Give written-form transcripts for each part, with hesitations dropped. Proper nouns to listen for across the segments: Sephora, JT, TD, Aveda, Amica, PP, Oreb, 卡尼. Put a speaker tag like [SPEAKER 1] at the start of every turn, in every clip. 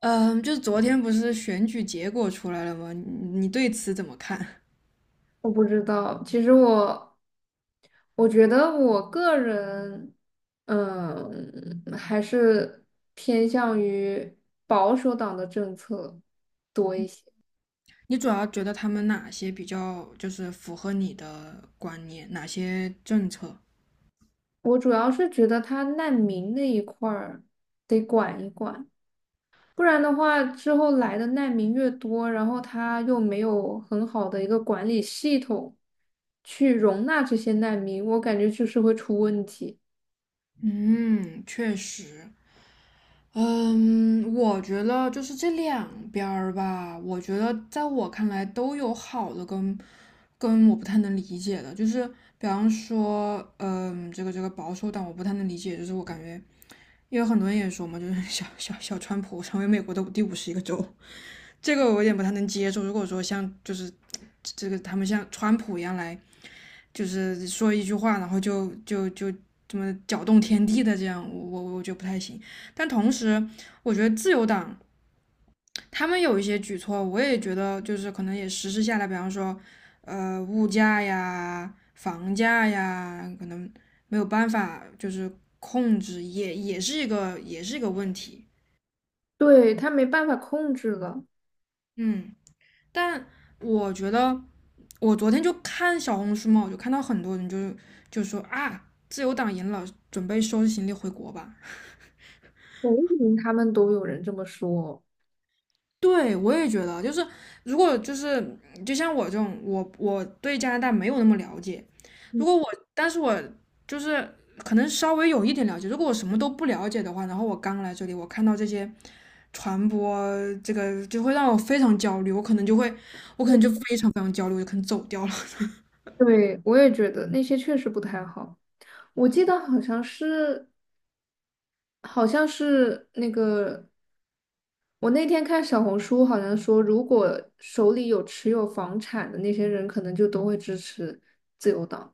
[SPEAKER 1] 嗯，就是昨天不是选举结果出来了吗？你对此怎么看？
[SPEAKER 2] 我不知道，其实我觉得我个人，还是偏向于保守党的政策多一些。
[SPEAKER 1] 你主要觉得他们哪些比较就是符合你的观念，哪些政策？
[SPEAKER 2] 我主要是觉得他难民那一块儿得管一管，不然的话，之后来的难民越多，然后他又没有很好的一个管理系统去容纳这些难民，我感觉就是会出问题。
[SPEAKER 1] 嗯，确实。嗯，我觉得就是这两边儿吧，我觉得在我看来都有好的跟我不太能理解的，就是比方说，这个保守党我不太能理解，就是我感觉，因为很多人也说嘛，就是小川普成为美国的第51个州，这个我有点不太能接受。如果说像就是这个他们像川普一样来，就是说一句话，然后就这么搅动天地的这样，我觉得不太行。但同时，我觉得自由党他们有一些举措，我也觉得就是可能也实施下来，比方说物价呀、房价呀，可能没有办法就是控制，也是一个问题。
[SPEAKER 2] 对，他没办法控制了，
[SPEAKER 1] 嗯，但我觉得。我昨天就看小红书嘛，我就看到很多人就说啊，自由党赢了，准备收拾行李回国吧。
[SPEAKER 2] 嗯他们都有人这么说。
[SPEAKER 1] 对，我也觉得，就是如果就是就像我这种，我对加拿大没有那么了解，如果我，但是我就是可能稍微有一点了解，如果我什么都不了解的话，然后我刚来这里，我看到这些传播，这个就会让我非常焦虑，我可能就非常非常焦虑，我就可能走掉了。
[SPEAKER 2] 对，我也觉得那些确实不太好。我记得好像是，好像是那个，我那天看小红书，好像说，如果手里有持有房产的那些人，可能就都会支持自由党。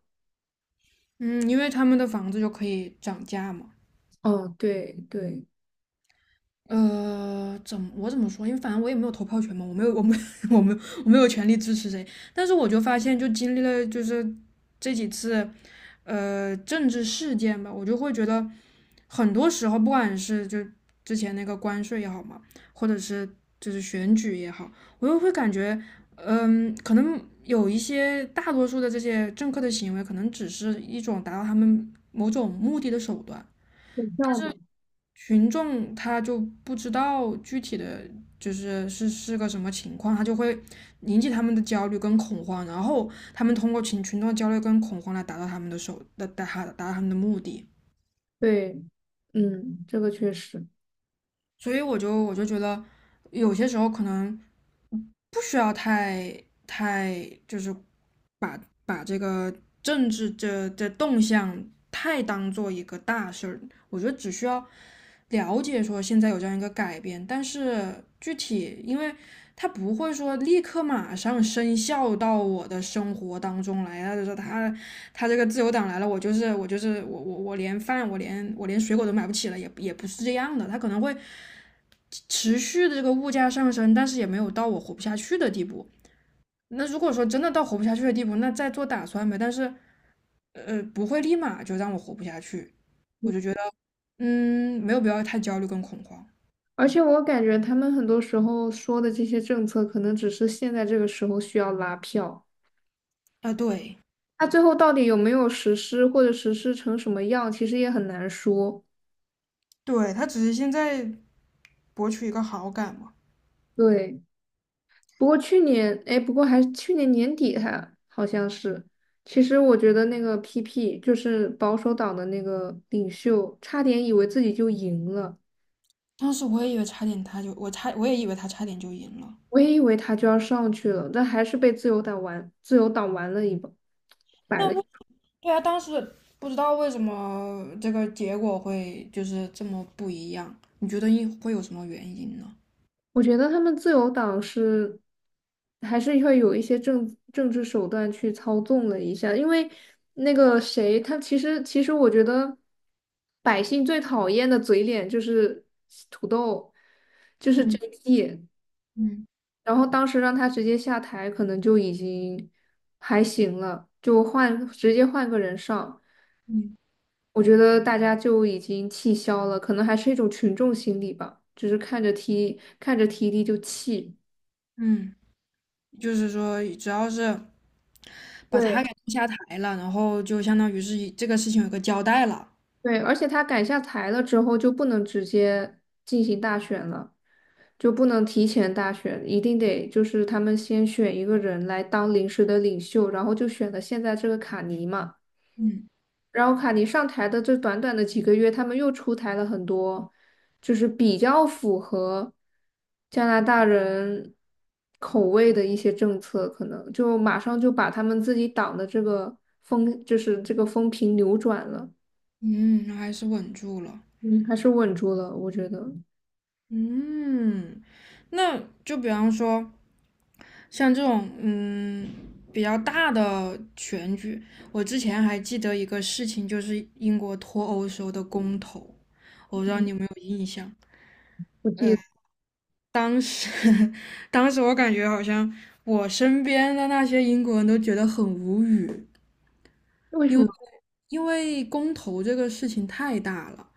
[SPEAKER 1] 嗯，因为他们的房子就可以涨价嘛。
[SPEAKER 2] 哦，对对，
[SPEAKER 1] 怎么说？因为反正我也没有投票权嘛，我没有，我没，我没，我没有权利支持谁。但是我就发现，就经历了就是这几次政治事件吧，我就会觉得很多时候，不管是就之前那个关税也好嘛，或者是就是选举也好，我又会感觉，可能有一些大多数的这些政客的行为，可能只是一种达到他们某种目的的手段。
[SPEAKER 2] 股票嘛，
[SPEAKER 1] 群众他就不知道具体的就是是个什么情况，他就会引起他们的焦虑跟恐慌，然后他们通过群众的焦虑跟恐慌来达到他们的手达达达到他们的目的。
[SPEAKER 2] 对，这个确实。
[SPEAKER 1] 所以我就觉得有些时候可能不需要太就是把这个政治动向太当做一个大事儿。我觉得只需要了解说现在有这样一个改变，但是具体因为他不会说立刻马上生效到我的生活当中来啊，就是他这个自由党来了，我就是我就是我我我连饭我连我连水果都买不起了，也不是这样的，他可能会持续的这个物价上升，但是也没有到我活不下去的地步。那如果说真的到活不下去的地步，那再做打算呗。但是不会立马就让我活不下去，我就觉得，没有必要太焦虑跟恐慌
[SPEAKER 2] 而且我感觉他们很多时候说的这些政策，可能只是现在这个时候需要拉票，
[SPEAKER 1] 啊。对，
[SPEAKER 2] 那最后到底有没有实施，或者实施成什么样，其实也很难说。
[SPEAKER 1] 对，他只是现在博取一个好感嘛。
[SPEAKER 2] 对。不过去年，哎，不过还去年年底还好像是。其实我觉得那个 PP 就是保守党的那个领袖，差点以为自己就赢了，
[SPEAKER 1] 当时我也以为他差点就赢了。
[SPEAKER 2] 我也以为他就要上去了，但还是被自由党玩，自由党玩了一把，摆
[SPEAKER 1] 那
[SPEAKER 2] 了。
[SPEAKER 1] 为对啊。当时不知道为什么这个结果会就是这么不一样，你觉得会有什么原因呢？
[SPEAKER 2] 我觉得他们自由党是还是会有一些政治手段去操纵了一下，因为那个谁，他其实我觉得百姓最讨厌的嘴脸就是土豆，就是
[SPEAKER 1] 嗯
[SPEAKER 2] JT，
[SPEAKER 1] 嗯
[SPEAKER 2] 然后当时让他直接下台，可能就已经还行了，就换直接换个人上，
[SPEAKER 1] 嗯
[SPEAKER 2] 我觉得大家就已经气消了，可能还是一种群众心理吧，就是看着 TD 就气。
[SPEAKER 1] 嗯。就是说只要是把他给
[SPEAKER 2] 对，
[SPEAKER 1] 弄下台了，然后就相当于是这个事情有个交代了。
[SPEAKER 2] 对，而且他改下台了之后，就不能直接进行大选了，就不能提前大选，一定得就是他们先选一个人来当临时的领袖，然后就选了现在这个卡尼嘛。
[SPEAKER 1] 嗯。
[SPEAKER 2] 然后卡尼上台的这短短的几个月，他们又出台了很多，就是比较符合加拿大人口味的一些政策，可能就马上就把他们自己党的这个风，就是这个风评扭转了。
[SPEAKER 1] 嗯，还是稳住了。
[SPEAKER 2] 嗯，还是稳住了，我觉得。
[SPEAKER 1] 嗯。那就比方说像这种比较大的选举，我之前还记得一个事情，就是英国脱欧时候的公投，我不知道你有没有印象。
[SPEAKER 2] 我记
[SPEAKER 1] 呃，
[SPEAKER 2] 得
[SPEAKER 1] 当时 当时我感觉好像我身边的那些英国人都觉得很无语，
[SPEAKER 2] 为什
[SPEAKER 1] 因
[SPEAKER 2] 么？
[SPEAKER 1] 为因为公投这个事情太大了。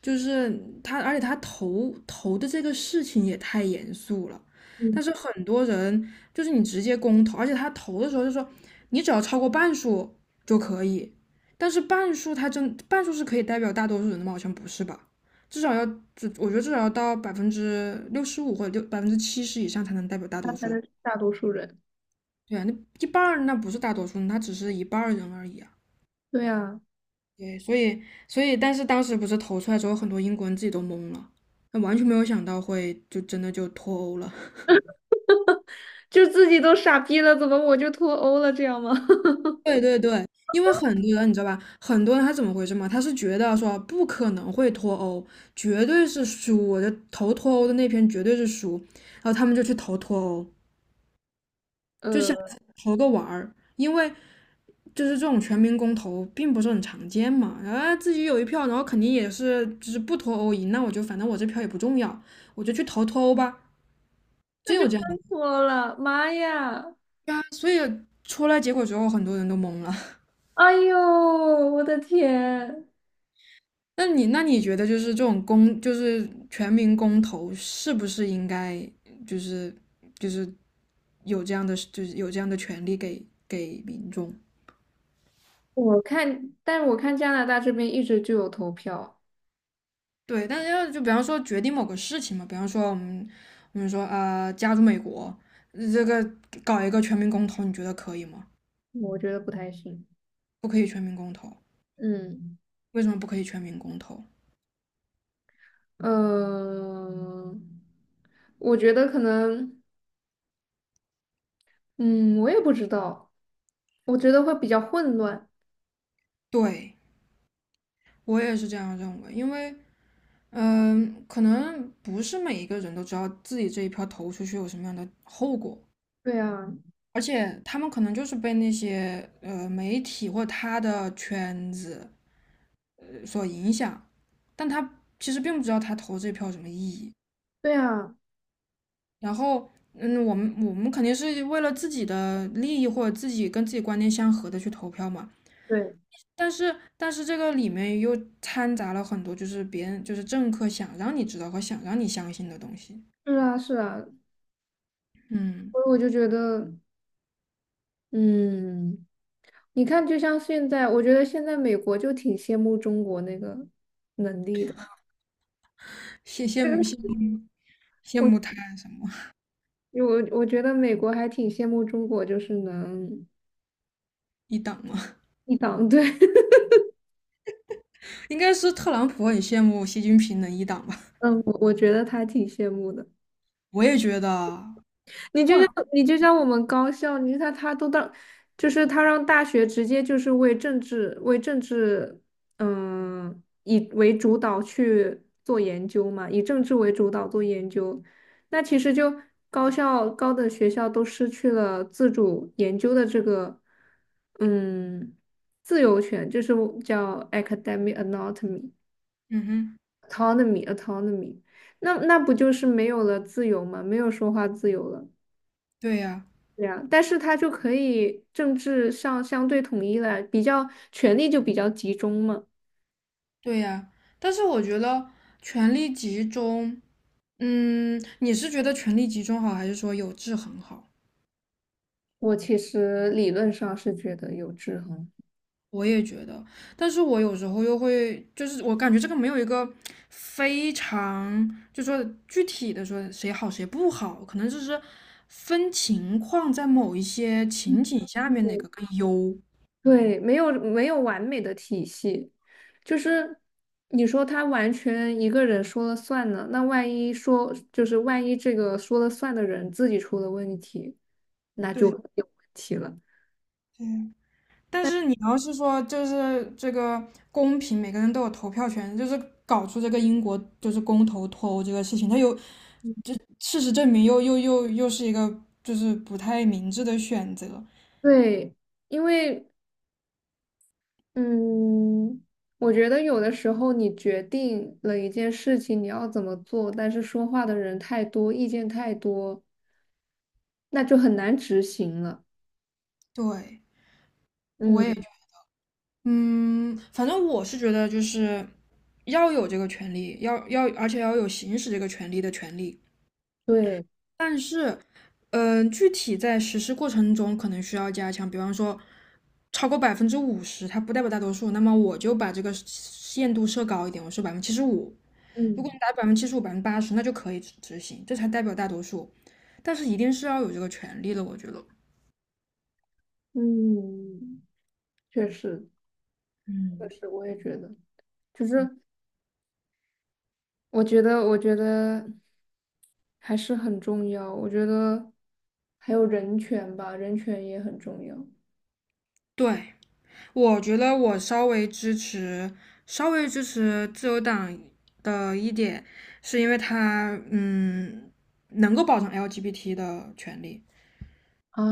[SPEAKER 1] 就是他，而且他投的这个事情也太严肃了。
[SPEAKER 2] 嗯，
[SPEAKER 1] 但是很多人就是你直接公投，而且他投的时候就说你只要超过半数就可以，但是半数他真半数是可以代表大多数人的吗？好像不是吧？至少要，至我觉得至少要到65%或者百分之七十以上才能代表大
[SPEAKER 2] 他
[SPEAKER 1] 多数
[SPEAKER 2] 才
[SPEAKER 1] 人。
[SPEAKER 2] 能是大多数人。
[SPEAKER 1] 对啊，那一半儿那不是大多数人，他只是一半儿人而已啊。
[SPEAKER 2] 对啊，
[SPEAKER 1] 对，所以，但是当时不是投出来之后，很多英国人自己都懵了，那完全没有想到会就真的就脱欧了。
[SPEAKER 2] 就自己都傻逼了，怎么我就脱欧了？这样吗？
[SPEAKER 1] 对对对。因为很多人你知道吧，很多人他怎么回事嘛？他是觉得说不可能会脱欧，绝对是输，我就投脱欧的那篇绝对是输，然后他们就去投脱欧，就想
[SPEAKER 2] 呃，
[SPEAKER 1] 投个玩儿，因为就是这种全民公投并不是很常见嘛，然后自己有一票，然后肯定也是就是不脱欧赢，那我就反正我这票也不重要，我就去投脱欧吧。
[SPEAKER 2] 那
[SPEAKER 1] 真
[SPEAKER 2] 就
[SPEAKER 1] 有
[SPEAKER 2] 真
[SPEAKER 1] 这样的。
[SPEAKER 2] 脱了，妈呀！
[SPEAKER 1] 对啊，出来结果之后，很多人都懵了。
[SPEAKER 2] 哎呦，我的天！
[SPEAKER 1] 那你觉得就是这种公，就是全民公投，是不是应该就是就是有这样的权利给民众？
[SPEAKER 2] 但我看加拿大这边一直就有投票，
[SPEAKER 1] 对，但是要就比方说决定某个事情嘛，比方说我们说啊、加入美国，这个搞一个全民公投，你觉得可以吗？
[SPEAKER 2] 我觉得不太行。
[SPEAKER 1] 不可以全民公投，
[SPEAKER 2] 嗯，
[SPEAKER 1] 为什么不可以全民公投？
[SPEAKER 2] 呃，我觉得可能，嗯，我也不知道，我觉得会比较混乱。
[SPEAKER 1] 对，我也是这样认为，因为可能不是每一个人都知道自己这一票投出去有什么样的后果，
[SPEAKER 2] 对啊，
[SPEAKER 1] 而且他们可能就是被那些媒体或他的圈子所影响，但他其实并不知道他投这票有什么意义。
[SPEAKER 2] 对啊。
[SPEAKER 1] 然后，我们肯定是为了自己的利益或者自己跟自己观念相合的去投票嘛。
[SPEAKER 2] 对，
[SPEAKER 1] 但是，这个里面又掺杂了很多就是别人就是政客想让你知道和想让你相信的东西。
[SPEAKER 2] 是啊，是啊，
[SPEAKER 1] 嗯。
[SPEAKER 2] 所以我就觉得，嗯，你看，就像现在，我觉得现在美国就挺羡慕中国那个能力的。
[SPEAKER 1] 羡羡慕羡 慕羡
[SPEAKER 2] 我
[SPEAKER 1] 慕他什么
[SPEAKER 2] 我觉得美国还挺羡慕中国，就是能
[SPEAKER 1] 一党吗？
[SPEAKER 2] 一党对，
[SPEAKER 1] 应该是特朗普很羡慕习近平能一党吧？
[SPEAKER 2] 嗯，我觉得他挺羡慕的。
[SPEAKER 1] 我也觉得，
[SPEAKER 2] 你
[SPEAKER 1] 或
[SPEAKER 2] 就
[SPEAKER 1] 者
[SPEAKER 2] 像你就像我们高校，你看他都到，就是他让大学直接就是为政治，以为主导去做研究嘛，以政治为主导做研究，那其实就高等学校都失去了自主研究的这个，嗯，自由权，就是叫 academic autonomy
[SPEAKER 1] 嗯哼，
[SPEAKER 2] autonomy autonomy，那不就是没有了自由吗？没有说话自由了。
[SPEAKER 1] 对呀，
[SPEAKER 2] 对呀，但是他就可以政治上相对统一了，比较权力就比较集中嘛。
[SPEAKER 1] 对呀。但是我觉得权力集中，你是觉得权力集中好，还是说有制衡好？
[SPEAKER 2] 我其实理论上是觉得有制衡。
[SPEAKER 1] 我也觉得，但是我有时候又会，就是我感觉这个没有一个非常，就说具体的说谁好谁不好，可能就是分情况，在某一些情景下面哪个更优。
[SPEAKER 2] 对，没有完美的体系，就是你说他完全一个人说了算呢，那万一这个说了算的人自己出了问题，那就
[SPEAKER 1] 对
[SPEAKER 2] 有问题了。
[SPEAKER 1] 对，但是你要是说就是这个公平，每个人都有投票权，就是搞出这个英国就是公投脱欧这个事情，它有这事实证明又是一个就是不太明智的选择。
[SPEAKER 2] 对，因为嗯，我觉得有的时候你决定了一件事情你要怎么做，但是说话的人太多，意见太多，那就很难执行了。
[SPEAKER 1] 对，我
[SPEAKER 2] 嗯，
[SPEAKER 1] 也。嗯，反正我是觉得就是要有这个权利，要，而且要有行使这个权利的权利。
[SPEAKER 2] 对，
[SPEAKER 1] 但是，具体在实施过程中可能需要加强，比方说超过50%，它不代表大多数，那么我就把这个限度设高一点，我设百分之七十五。如果你
[SPEAKER 2] 嗯
[SPEAKER 1] 达百分之七十五、80%，那就可以执行，这才代表大多数。但是一定是要有这个权利的，我觉得。
[SPEAKER 2] 嗯，确实，确实，我也觉得，就是我觉得还是很重要。我觉得还有人权吧，人权也很重要。
[SPEAKER 1] 对，我觉得我稍微支持，稍微支持自由党的一点，是因为他能够保障 LGBT 的权利，
[SPEAKER 2] 啊，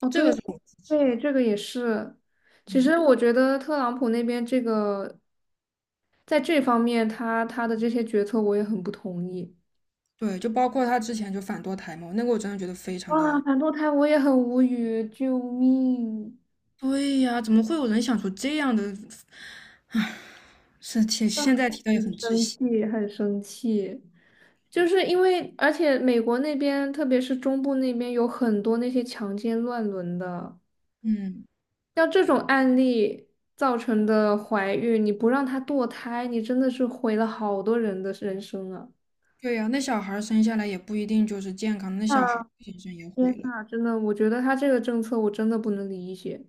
[SPEAKER 2] 哦，
[SPEAKER 1] 这
[SPEAKER 2] 对
[SPEAKER 1] 个是我支持
[SPEAKER 2] 对，
[SPEAKER 1] 的。
[SPEAKER 2] 这个也是。其
[SPEAKER 1] 嗯，
[SPEAKER 2] 实我觉得特朗普那边这个在这方面他，他的这些决策我也很不同意。
[SPEAKER 1] 对，就包括他之前就反堕胎嘛，那个我真的觉得非常
[SPEAKER 2] 哇，
[SPEAKER 1] 的，
[SPEAKER 2] 反堕胎我也很无语，救命！
[SPEAKER 1] 对呀，怎么会有人想出这样的？唉，是现在提到
[SPEAKER 2] 很
[SPEAKER 1] 也很窒
[SPEAKER 2] 生
[SPEAKER 1] 息。
[SPEAKER 2] 气，很生气。就是因为，而且美国那边，特别是中部那边，有很多那些强奸乱伦的，
[SPEAKER 1] 嗯，
[SPEAKER 2] 像这种案例造成的怀孕，你不让她堕胎，你真的是毁了好多人的人生啊！
[SPEAKER 1] 对呀，那小孩儿生下来也不一定就是健康的那小孩儿精神也毁
[SPEAKER 2] 天
[SPEAKER 1] 了。
[SPEAKER 2] 呐，真的，我觉得他这个政策我真的不能理解。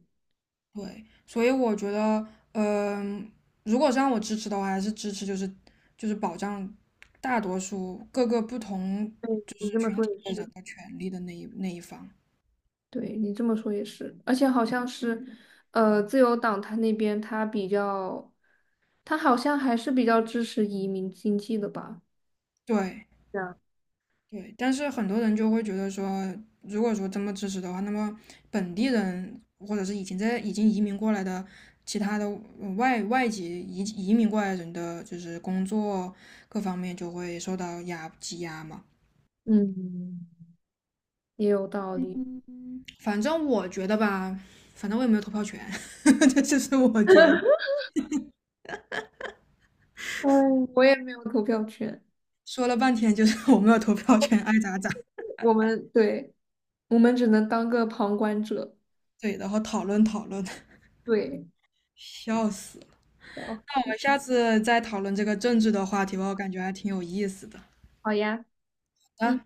[SPEAKER 1] 对，所以我觉得，嗯、如果是让我支持的话，还是支持就是保障大多数各个不同
[SPEAKER 2] 对，你这么说也
[SPEAKER 1] 的人
[SPEAKER 2] 是。
[SPEAKER 1] 的权利的那一方。
[SPEAKER 2] 对，你这么说也是，而且好像是，自由党他那边他比较，他好像还是比较支持移民经济的吧？
[SPEAKER 1] 对
[SPEAKER 2] 这样，
[SPEAKER 1] 对，但是很多人就会觉得说，如果说这么支持的话，那么本地人或者是已经移民过来的其他的外籍移民过来人的，就是工作各方面就会受到挤压嘛。
[SPEAKER 2] 嗯，也有道理。
[SPEAKER 1] 反正我觉得吧，反正我也没有投票权，这就是我觉得。
[SPEAKER 2] 哎，我也没有投票权，
[SPEAKER 1] 说了半天就是我没有投票权，爱咋咋。
[SPEAKER 2] 我们对，我们只能当个旁观者。
[SPEAKER 1] 对，然后讨论讨论，
[SPEAKER 2] 对，
[SPEAKER 1] 笑死！我
[SPEAKER 2] 好，
[SPEAKER 1] 们下次再讨论这个政治的话题吧，我感觉还挺有意思的。
[SPEAKER 2] 好呀。
[SPEAKER 1] 好
[SPEAKER 2] 嗯。
[SPEAKER 1] 的，